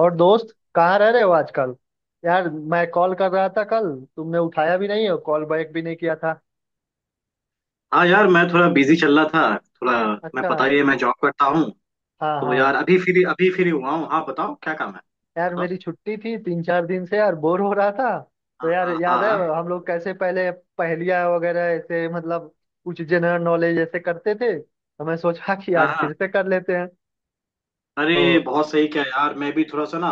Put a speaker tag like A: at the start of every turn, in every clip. A: और दोस्त कहाँ रह रहे हो आजकल। यार मैं कॉल कर रहा था कल। तुमने उठाया भी नहीं और कॉल बैक भी नहीं किया था।
B: हाँ यार, मैं थोड़ा बिजी चल रहा था। थोड़ा, मैं,
A: अच्छा।
B: पता ही है, मैं जॉब करता हूँ।
A: हाँ
B: तो
A: हाँ।
B: यार, अभी फ्री हुआ हूँ। हाँ, बताओ क्या काम है।
A: यार
B: बताओ।
A: मेरी छुट्टी थी, 3-4 दिन से यार बोर हो रहा था। तो
B: हाँ
A: यार
B: हाँ हाँ
A: याद है
B: हाँ।
A: हम लोग कैसे पहले पहेलियाँ वगैरह, ऐसे मतलब कुछ जनरल नॉलेज ऐसे करते थे? तो मैं सोचा कि
B: हाँ
A: आज
B: हाँ।
A: फिर से कर लेते हैं। तो
B: अरे बहुत सही क्या यार। मैं भी थोड़ा सा ना,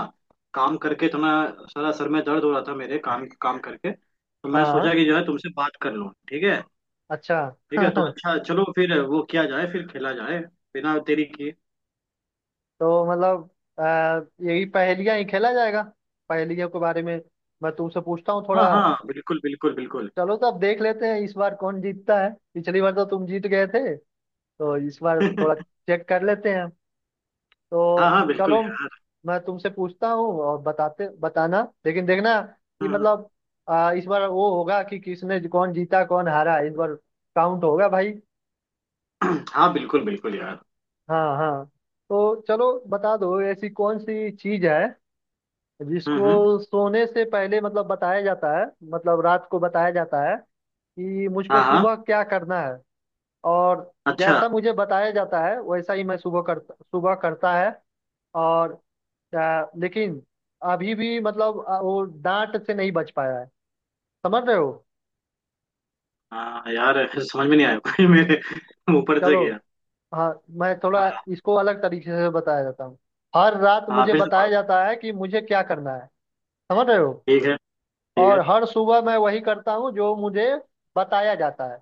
B: काम करके थोड़ा सारा सर में दर्द हो रहा था मेरे, काम काम करके। तो मैं
A: हाँ।
B: सोचा कि जो है, तुमसे बात कर लूँ, ठीक है।
A: अच्छा
B: ठीक है, तो
A: तो
B: अच्छा, चलो फिर वो किया जाए, फिर खेला जाए, बिना देरी किए।
A: मतलब यही पहेलियाँ ही खेला जाएगा। पहेलियों के बारे में मैं तुमसे पूछता हूँ
B: हाँ
A: थोड़ा।
B: हाँ, बिल्कुल बिल्कुल बिल्कुल।
A: चलो, तो अब देख लेते हैं इस बार कौन जीतता है। पिछली बार तो तुम जीत गए थे, तो इस बार
B: हाँ।
A: थोड़ा चेक कर लेते हैं। तो
B: हाँ बिल्कुल
A: चलो,
B: यार।
A: मैं तुमसे पूछता हूँ और बताते, बताना लेकिन देखना कि
B: हम्म, हम्म।
A: मतलब इस बार वो होगा कि किसने, कौन जीता कौन हारा इस बार काउंट होगा भाई।
B: हाँ बिल्कुल बिल्कुल यार।
A: हाँ हाँ। तो चलो बता दो, ऐसी कौन सी चीज है
B: हम्म।
A: जिसको सोने से पहले, मतलब बताया जाता है, मतलब रात को बताया जाता है कि मुझको
B: हाँ हाँ।
A: सुबह क्या करना है। और
B: अच्छा।
A: जैसा मुझे बताया जाता है वैसा ही मैं सुबह करता, सुबह करता है। और लेकिन अभी भी मतलब वो डांट से नहीं बच पाया है। समझ रहे हो?
B: हाँ यार, फिर समझ में नहीं आया कोई मेरे ऊपर से
A: चलो।
B: गया।
A: हाँ, मैं थोड़ा
B: हाँ।
A: इसको अलग तरीके से बताया जाता हूँ। हर रात
B: हाँ,
A: मुझे
B: फिर से
A: बताया
B: पढ़ो।
A: जाता है कि मुझे क्या करना है। समझ रहे हो?
B: ठीक है। ठीक है।
A: और हर सुबह मैं वही करता हूँ जो मुझे बताया जाता है।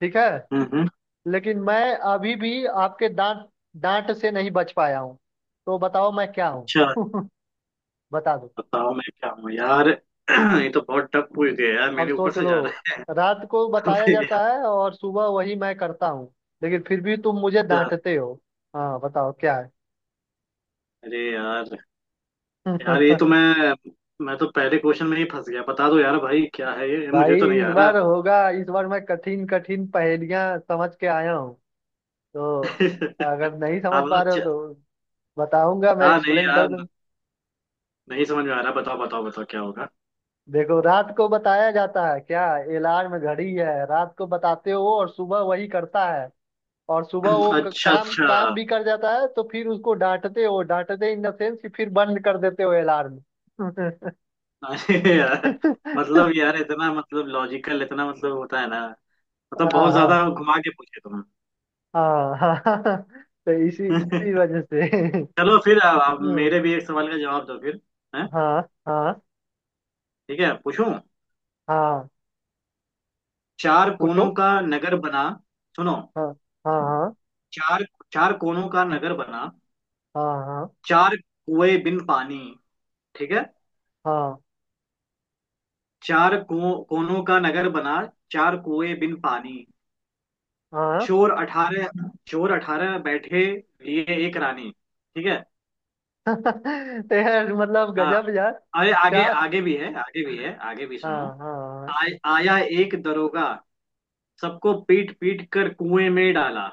A: ठीक है।
B: हम्म।
A: लेकिन मैं अभी भी आपके डांट, डांट से नहीं बच पाया हूँ। तो बताओ मैं क्या
B: अच्छा।
A: हूँ? बता दो।
B: बताओ मैं क्या हूँ यार। ये तो बहुत टफ पूछ गया यार।
A: अब
B: मेरे ऊपर
A: सोच
B: से
A: लो,
B: जा रहा
A: रात को
B: है।
A: बताया
B: फिर यार,
A: जाता है और सुबह वही मैं करता हूँ, लेकिन फिर भी तुम मुझे
B: अच्छा।
A: डांटते हो। हाँ बताओ क्या है?
B: अरे यार। यार ये तो मैं तो पहले क्वेश्चन में ही फंस गया। बता दो यार भाई, क्या है ये, मुझे
A: भाई
B: तो नहीं
A: इस
B: आ
A: बार
B: रहा।
A: होगा। इस बार मैं कठिन कठिन पहेलियां समझ के आया हूँ। तो
B: हाँ
A: अगर नहीं समझ
B: मतलब,
A: पा रहे हो
B: अच्छा।
A: तो बताऊंगा, मैं
B: हाँ नहीं
A: एक्सप्लेन कर
B: यार,
A: दूं।
B: नहीं समझ में आ रहा। बताओ बताओ बताओ, क्या होगा।
A: देखो, रात को बताया जाता है क्या? अलार्म घड़ी है। रात को बताते हो और सुबह वही करता है, और सुबह वो क-
B: अच्छा
A: काम काम
B: अच्छा।
A: भी कर जाता है, तो फिर उसको डांटते हो। डांटते इन द सेंस कि फिर बंद कर देते हो अलार्म।
B: अरे यार। मतलब यार, इतना मतलब लॉजिकल, इतना मतलब होता है ना। मतलब
A: हाँ
B: बहुत
A: हाँ
B: ज्यादा घुमा के पूछे
A: हाँ हाँ। तो इसी
B: तुमने।
A: इसी वजह से।
B: चलो, फिर अब
A: हम्म।
B: मेरे भी एक सवाल का जवाब दो फिर। है।
A: हाँ हाँ
B: ठीक है, पूछूं।
A: हाँ।
B: चार कोनों
A: पूछो।
B: का नगर बना। सुनो।
A: हाँ हाँ हाँ
B: चार चार कोनों का नगर बना।
A: हाँ
B: चार कुएं बिन पानी। ठीक है।
A: हाँ
B: कोनों का नगर बना। चार कुएं बिन पानी।
A: हाँ हाँ।
B: चोर अठारह चोर अठारह बैठे लिए एक रानी। ठीक है।
A: तो यार मतलब
B: हाँ,
A: गजब यार।
B: अरे आगे,
A: चार।
B: आगे भी है, आगे भी है, आगे भी सुनो।
A: हाँ हाँ हाँ।
B: आ, आया एक दरोगा, सबको पीट पीट कर कुएं में डाला।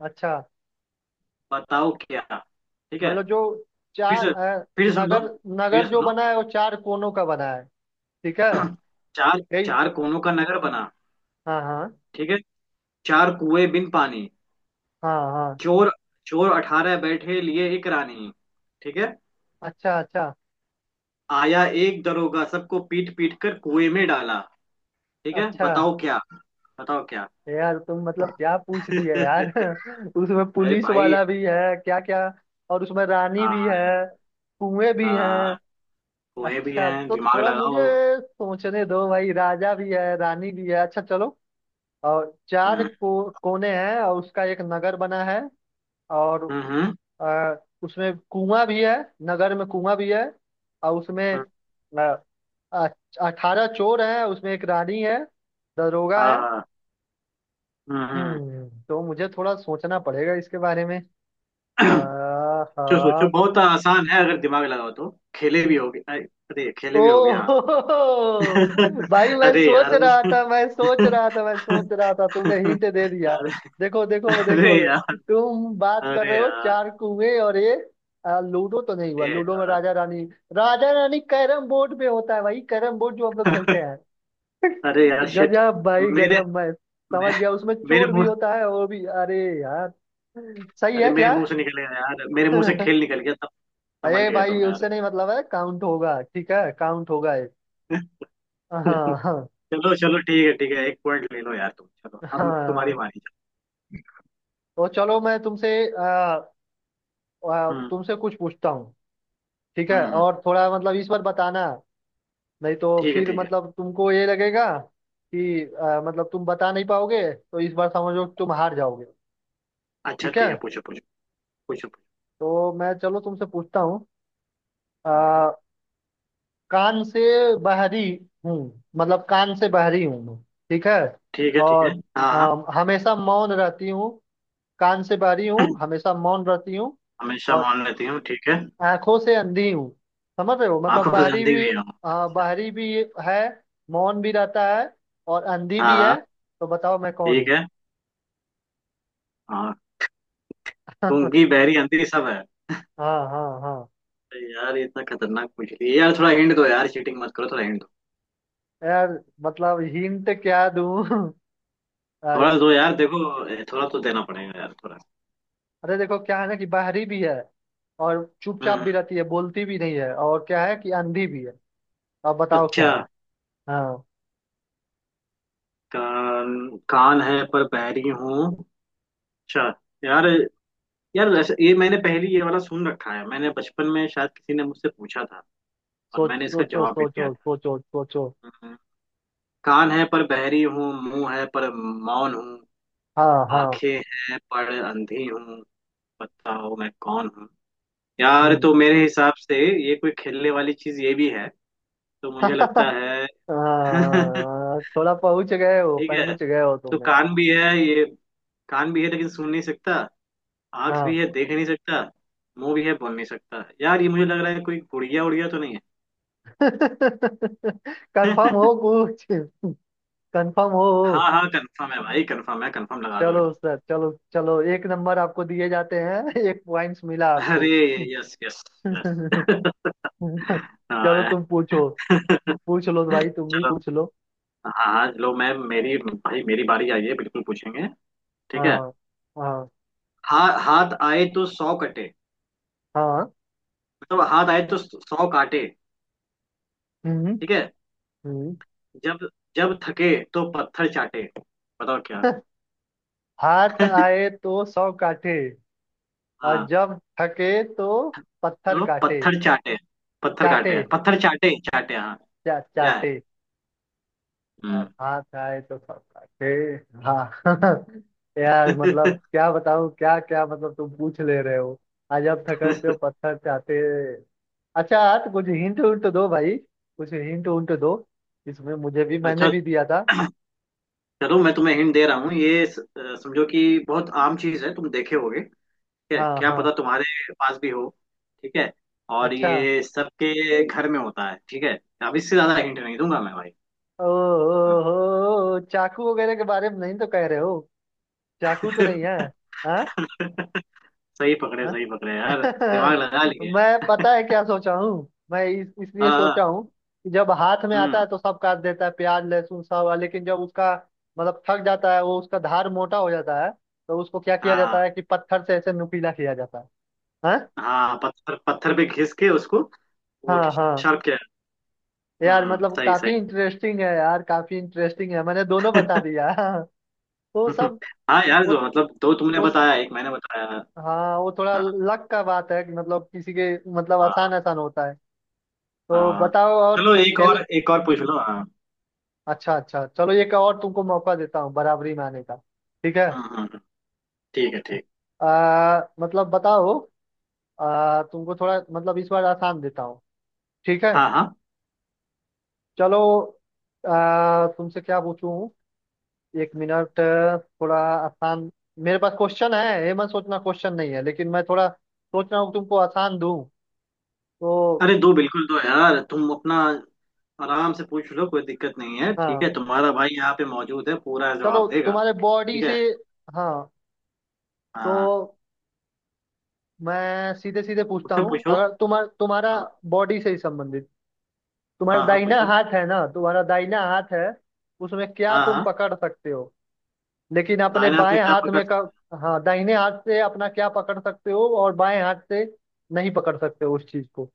A: अच्छा।
B: बताओ क्या। ठीक है।
A: मतलब जो
B: फिर
A: चार
B: से, फिर से सुन लो।
A: नगर,
B: फिर
A: नगर
B: से
A: जो
B: सुनो।
A: बना है वो चार कोनों का बना है। ठीक है।
B: चार
A: यही।
B: चार कोनों का नगर बना।
A: हाँ हाँ।
B: ठीक है। चार कुएं बिन पानी।
A: हाँ हाँ।
B: चोर चोर 18 बैठे लिए एक रानी। ठीक है।
A: अच्छा अच्छा।
B: आया एक दरोगा, सबको पीट पीट कर कुएं में डाला। ठीक है,
A: अच्छा
B: बताओ क्या। बताओ क्या।
A: यार, तुम मतलब क्या पूछ दिया यार। उसमें
B: अरे
A: पुलिस
B: भाई,
A: वाला भी है क्या क्या? और उसमें रानी भी है।
B: हाँ
A: कुएं भी हैं।
B: हाँ। कुएं भी
A: अच्छा,
B: हैं,
A: तो
B: दिमाग
A: थोड़ा मुझे
B: लगाओ।
A: सोचने दो भाई। राजा भी है, रानी भी है। अच्छा चलो, और चार
B: हम्म
A: को, कोने हैं और उसका एक नगर बना है। और
B: हम्म।
A: आ, उसमें कुआं भी है, नगर में कुआं भी है। और उसमें
B: हम्म,
A: 18 चोर हैं, उसमें एक रानी है, दरोगा
B: हाँ
A: है।
B: हाँ। हम्म।
A: हम्म, तो मुझे थोड़ा सोचना पड़ेगा इसके बारे में। आ,
B: सोचो सोचो,
A: हाँ।
B: बहुत आसान है अगर दिमाग लगाओ तो। खेले भी होगे अरे। अरे, खेले
A: ओ
B: भी होगे, हाँ।
A: भाई, मैं
B: अरे
A: सोच
B: यार।
A: रहा था, मैं सोच रहा था, मैं सोच रहा था, तुमने हिंट दे दिया।
B: अरे,
A: देखो देखो
B: अरे
A: देखो,
B: यार।
A: तुम बात कर
B: अरे
A: रहे हो
B: यार।
A: चार कुएं और ये लूडो तो नहीं हुआ।
B: अरे
A: लूडो में
B: यार।
A: राजा रानी, राजा रानी कैरम बोर्ड पे होता है भाई। कैरम बोर्ड जो हम लोग खेलते हैं।
B: अरे यार शिट।
A: गजब भाई
B: मेरे
A: गजब, मैं समझ
B: मे,
A: गया। उसमें
B: मेरे
A: चोर भी
B: मुंह।
A: होता है और भी, अरे यार। सही
B: अरे
A: है
B: मेरे
A: क्या?
B: मुंह से निकल गया यार, मेरे मुंह से खेल निकल गया तब। समझ
A: अरे
B: गए
A: भाई
B: तुम यार।
A: उससे नहीं मतलब है, काउंट होगा, ठीक है काउंट होगा ये। हाँ हाँ हाँ
B: चलो चलो, ठीक है ठीक है, एक पॉइंट ले लो यार, तुम चलो। अब तुम्हारी
A: हाँ।
B: बारी।
A: तो चलो मैं तुमसे
B: हम्म
A: तुमसे कुछ पूछता हूँ। ठीक है?
B: हम्म। हम्म।
A: और थोड़ा मतलब इस बार बताना। नहीं तो
B: ठीक है,
A: फिर
B: ठीक है।
A: मतलब तुमको ये लगेगा कि मतलब तुम बता नहीं पाओगे, तो इस बार समझो कि तुम हार जाओगे।
B: अच्छा
A: ठीक है,
B: ठीक है, पूछो पूछो। पूछो पूछो।
A: तो मैं चलो तुमसे पूछता हूँ। अ, कान से बहरी हूँ, मतलब कान से बहरी हूँ मैं। ठीक है?
B: ठीक है। ठीक है।
A: और
B: हाँ
A: अ,
B: हाँ।
A: हमेशा मौन रहती हूँ। कान से बहरी हूँ, हमेशा मौन रहती हूँ।
B: हमेशा
A: और
B: मान लेती हूँ, ठीक है।
A: आंखों से अंधी हूँ। समझ रहे हो? मतलब
B: आंखों से
A: बाहरी
B: अंधी
A: भी,
B: भी हूँ। अच्छा।
A: बाहरी भी है, मौन भी रहता है, और अंधी
B: हाँ
A: भी है।
B: हाँ।
A: तो बताओ मैं कौन
B: ठीक
A: हूँ?
B: है। हाँ। गूंगी बहरी अंधी सब है।
A: हाँ हाँ हाँ।
B: अरे यार ये इतना खतरनाक पूछ लिया यार। थोड़ा हिंट दो यार, चीटिंग मत करो, थोड़ा हिंट दो।
A: यार मतलब हिंट क्या दूँ? आ,
B: थोड़ा दो यार, देखो थोड़ा तो देना पड़ेगा यार, थोड़ा।
A: अरे देखो क्या है ना, कि बाहरी भी है और चुपचाप
B: हम्म।
A: भी रहती है, बोलती भी नहीं है, और क्या है कि अंधी भी है। अब बताओ
B: अच्छा।
A: क्या है? हाँ।
B: कान, कान है पर बहरी हूँ। अच्छा यार। यार ये मैंने पहले, ये वाला सुन रखा है मैंने बचपन में, शायद किसी ने मुझसे पूछा था, और
A: सोच,
B: मैंने इसका
A: सोचो
B: जवाब भी
A: सोचो
B: दिया था।
A: सोचो सोचो।
B: हम्म, कान है पर बहरी हूँ, मुंह है पर मौन हूँ,
A: हाँ हाँ।
B: आंखें हैं पर अंधी हूँ, बताओ मैं कौन हूँ। यार
A: हम्म।
B: तो मेरे हिसाब से ये कोई खेलने वाली चीज ये भी है, तो मुझे लगता
A: हाँ,
B: है।
A: हाँ, थोड़ा पहुंच गए हो,
B: ठीक है,
A: पहुंच गए हो
B: तो
A: तुम्हें।
B: कान भी है ये, कान भी है लेकिन सुन नहीं सकता, आंख भी है देख नहीं सकता, मुंह भी है बोल नहीं सकता। यार ये मुझे लग रहा है कोई गुड़िया उड़िया तो नहीं है।
A: कंफर्म हो कुछ? कंफर्म हो?
B: हाँ हाँ, कंफर्म है भाई, कंफर्म है, कंफर्म लगा दो
A: चलो
B: एकदम।
A: सर, चलो चलो, एक नंबर आपको दिए जाते हैं। एक पॉइंट्स मिला आपको।
B: अरे, यस यस। यस।
A: चलो
B: हाँ।
A: तुम पूछो। पूछ लो भाई, तुम भी
B: चलो।
A: पूछ लो।
B: हाँ हाँ, लो मैम मेरी, भाई मेरी बारी आई है, बिल्कुल पूछेंगे। ठीक है।
A: हाँ हाँ
B: हा, हाथ आए तो 100 कटे,
A: हाँ।
B: मतलब हाथ आए तो 100 काटे।
A: हम्म
B: ठीक है।
A: हम्म।
B: जब, जब थके तो पत्थर चाटे। बताओ क्या।
A: हाथ आए तो 100 काटे, और
B: हाँ।
A: जब थके तो पत्थर
B: तो
A: काटे,
B: पत्थर चाटे। पत्थर
A: चाटे,
B: काटे, पत्थर चाटे, चाटे, हाँ। क्या है।
A: चाटे।
B: हम्म।
A: हाँ, खाए तो सब खाते। हाँ यार मतलब क्या बताऊँ, क्या क्या मतलब तुम पूछ ले रहे हो। आज आप थकड़ते हो, पत्थर चाहते। अच्छा यार, कुछ हिंट उंट दो भाई, कुछ हिंट उंट दो। इसमें मुझे भी, मैंने
B: अच्छा,
A: भी दिया था।
B: चलो मैं तुम्हें हिंट दे रहा हूँ। समझो कि बहुत आम चीज है, तुम देखे होगे ठीक है,
A: हाँ
B: क्या
A: हाँ।
B: पता तुम्हारे पास भी हो ठीक है, और
A: अच्छा।
B: ये सबके घर में होता है ठीक है। अब इससे ज्यादा हिंट नहीं दूंगा मैं भाई।
A: ओ,
B: हाँ।
A: हो, चाकू वगैरह के बारे में नहीं तो कह रहे हो? चाकू तो नहीं है। हाँ। हाँ?
B: सही पकड़े यार। दिमाग लगा लिए।
A: मैं पता है क्या सोचा हूँ, मैं इसलिए
B: हाँ
A: सोचा
B: हाँ,
A: हूँ कि जब हाथ में आता
B: हम्म।
A: है तो सब काट देता है, प्याज लहसुन सब। लेकिन जब उसका मतलब थक जाता है वो, उसका धार मोटा हो जाता है, तो उसको क्या किया
B: हाँ
A: जाता है कि पत्थर से ऐसे नुकीला किया जाता है। हाँ
B: हाँ, पत्थर पत्थर पे घिस के उसको, वो
A: हाँ हाँ।
B: शार्प किया।
A: यार
B: हम्म,
A: मतलब
B: सही
A: काफी
B: सही।
A: इंटरेस्टिंग है यार, काफी इंटरेस्टिंग है, मैंने दोनों बता दिया। तो सब,
B: हाँ यार, जो
A: उस
B: मतलब दो तुमने
A: उस
B: बताया, एक मैंने बताया।
A: हाँ वो थोड़ा
B: हाँ
A: लक का बात है कि मतलब किसी के मतलब आसान
B: हाँ
A: आसान होता है। तो
B: हाँ।
A: बताओ और
B: चलो एक और,
A: खेल।
B: एक और पूछ लो, हाँ।
A: अच्छा अच्छा चलो, एक और तुमको मौका देता हूँ बराबरी में आने का। ठीक है,
B: हम्म हम्म, हम्म। ठीक है, ठीक।
A: मतलब बताओ। तुमको थोड़ा मतलब इस बार आसान देता हूँ। ठीक है?
B: हाँ हाँ।
A: चलो। तुमसे क्या पूछूं, एक मिनट, थोड़ा आसान। मेरे पास क्वेश्चन है, ये मत सोचना क्वेश्चन नहीं है, लेकिन मैं थोड़ा सोच रहा हूँ तुमको आसान दूं। तो
B: अरे दो, बिल्कुल दो यार, तुम अपना आराम से पूछ लो। कोई दिक्कत नहीं है, ठीक
A: हाँ,
B: है, तुम्हारा भाई यहाँ पे मौजूद है, पूरा जवाब
A: चलो
B: देगा।
A: तुम्हारे बॉडी
B: ठीक है।
A: से। हाँ, तो
B: हाँ,
A: मैं सीधे सीधे पूछता
B: पूछो
A: हूँ।
B: पूछो।
A: अगर तुम्हारा, तुम्हारा
B: हाँ
A: बॉडी से ही संबंधित, तुम्हारा
B: हाँ। हाँ,
A: दाहिना
B: पूछो।
A: हाथ है ना, तुम्हारा दाहिना हाथ है, उसमें क्या
B: हाँ
A: तुम
B: हाँ,
A: पकड़ सकते हो लेकिन अपने
B: दाहिने हाथ में
A: बाएं
B: क्या
A: हाथ
B: पकड़,
A: में का, हाँ, दाहिने हाथ से अपना क्या पकड़ सकते हो, और बाएं हाथ से नहीं पकड़ सकते हो उस चीज को?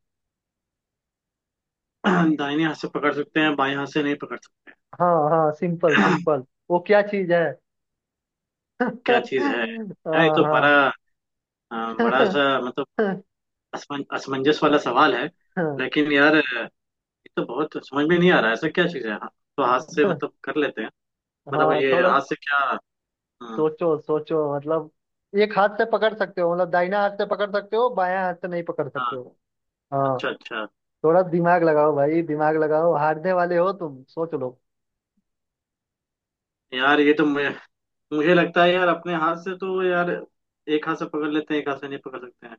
B: दाहिने हाथ से पकड़ सकते हैं, बाएं हाथ से नहीं पकड़
A: हाँ हाँ सिंपल
B: सकते।
A: सिंपल। वो क्या चीज है?
B: क्या चीज है यार, ये
A: हाँ
B: तो बड़ा
A: हाँ।
B: अ, बड़ा सा, मतलब असमंजस वाला सवाल है। लेकिन यार ये तो बहुत समझ में नहीं आ रहा है, ऐसा क्या चीज है। हाँ, तो हाथ से मतलब कर लेते हैं, मतलब
A: हाँ,
B: ये
A: थोड़ा
B: हाथ से क्या। हम्म,
A: सोचो, सोचो मतलब एक हाथ से पकड़ सकते हो, मतलब दाहिना हाथ से पकड़ सकते हो, बायां हाथ से नहीं पकड़
B: हाँ।
A: सकते हो। हाँ।
B: अच्छा अच्छा।
A: थोड़ा दिमाग लगाओ भाई, दिमाग लगाओ, हारने वाले हो तुम, सोच लो।
B: यार ये तो मैं, मुझे लगता है यार, अपने हाथ से तो यार, एक हाथ से पकड़ लेते हैं, एक हाथ से नहीं पकड़ सकते हैं।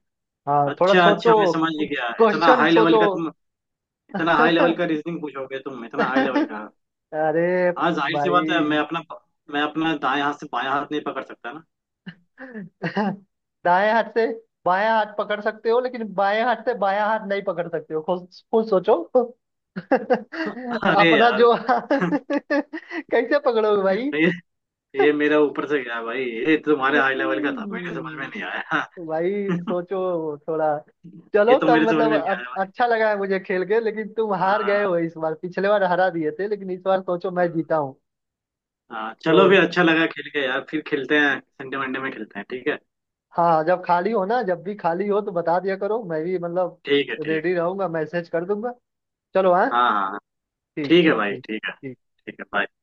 A: हाँ, थोड़ा
B: अच्छा
A: सोचो,
B: अच्छा, मैं समझ गया। इतना
A: क्वेश्चन
B: हाई लेवल
A: सोचो।
B: का तुम, इतना हाई लेवल का रीजनिंग पूछोगे तुम, इतना हाई लेवल का।
A: अरे
B: हाँ, जाहिर सी बात है, मैं
A: भाई,
B: अपना, मैं अपना दाएं हाथ से बायां हाथ नहीं पकड़ सकता ना।
A: दाएं हाथ से बायां हाथ पकड़ सकते हो, लेकिन बाएं हाथ से बायां हाथ नहीं पकड़ सकते हो। खुद, खुद सोचो।
B: अरे
A: अपना
B: यार।
A: जो कैसे पकड़ोगे?
B: ये ये मेरा ऊपर से गया भाई। ये तुम्हारे
A: भाई,
B: हाई लेवल का था, मेरे समझ में नहीं आया।
A: भाई सोचो थोड़ा।
B: ये
A: चलो,
B: तो
A: तब
B: मेरे समझ
A: मतलब
B: में नहीं आया भाई।
A: अच्छा लगा है मुझे खेल के, लेकिन तुम हार गए
B: हाँ।
A: हो इस बार। पिछले बार हरा दिए थे लेकिन इस बार सोचो मैं
B: हम्म,
A: जीता हूँ।
B: हाँ
A: तो
B: चलो फिर, अच्छा लगा खेल के यार। फिर खेलते हैं, संडे मंडे में खेलते हैं, ठीक है।
A: हाँ, जब खाली हो ना, जब भी खाली हो तो बता दिया करो, मैं भी मतलब
B: ठीक है, ठीक है।
A: रेडी रहूंगा, मैसेज कर दूंगा। चलो, हाँ।
B: हाँ हाँ हाँ।
A: ठीक,
B: ठीक है
A: ठीक
B: भाई,
A: ठीक।
B: ठीक है। ठीक है, बाय।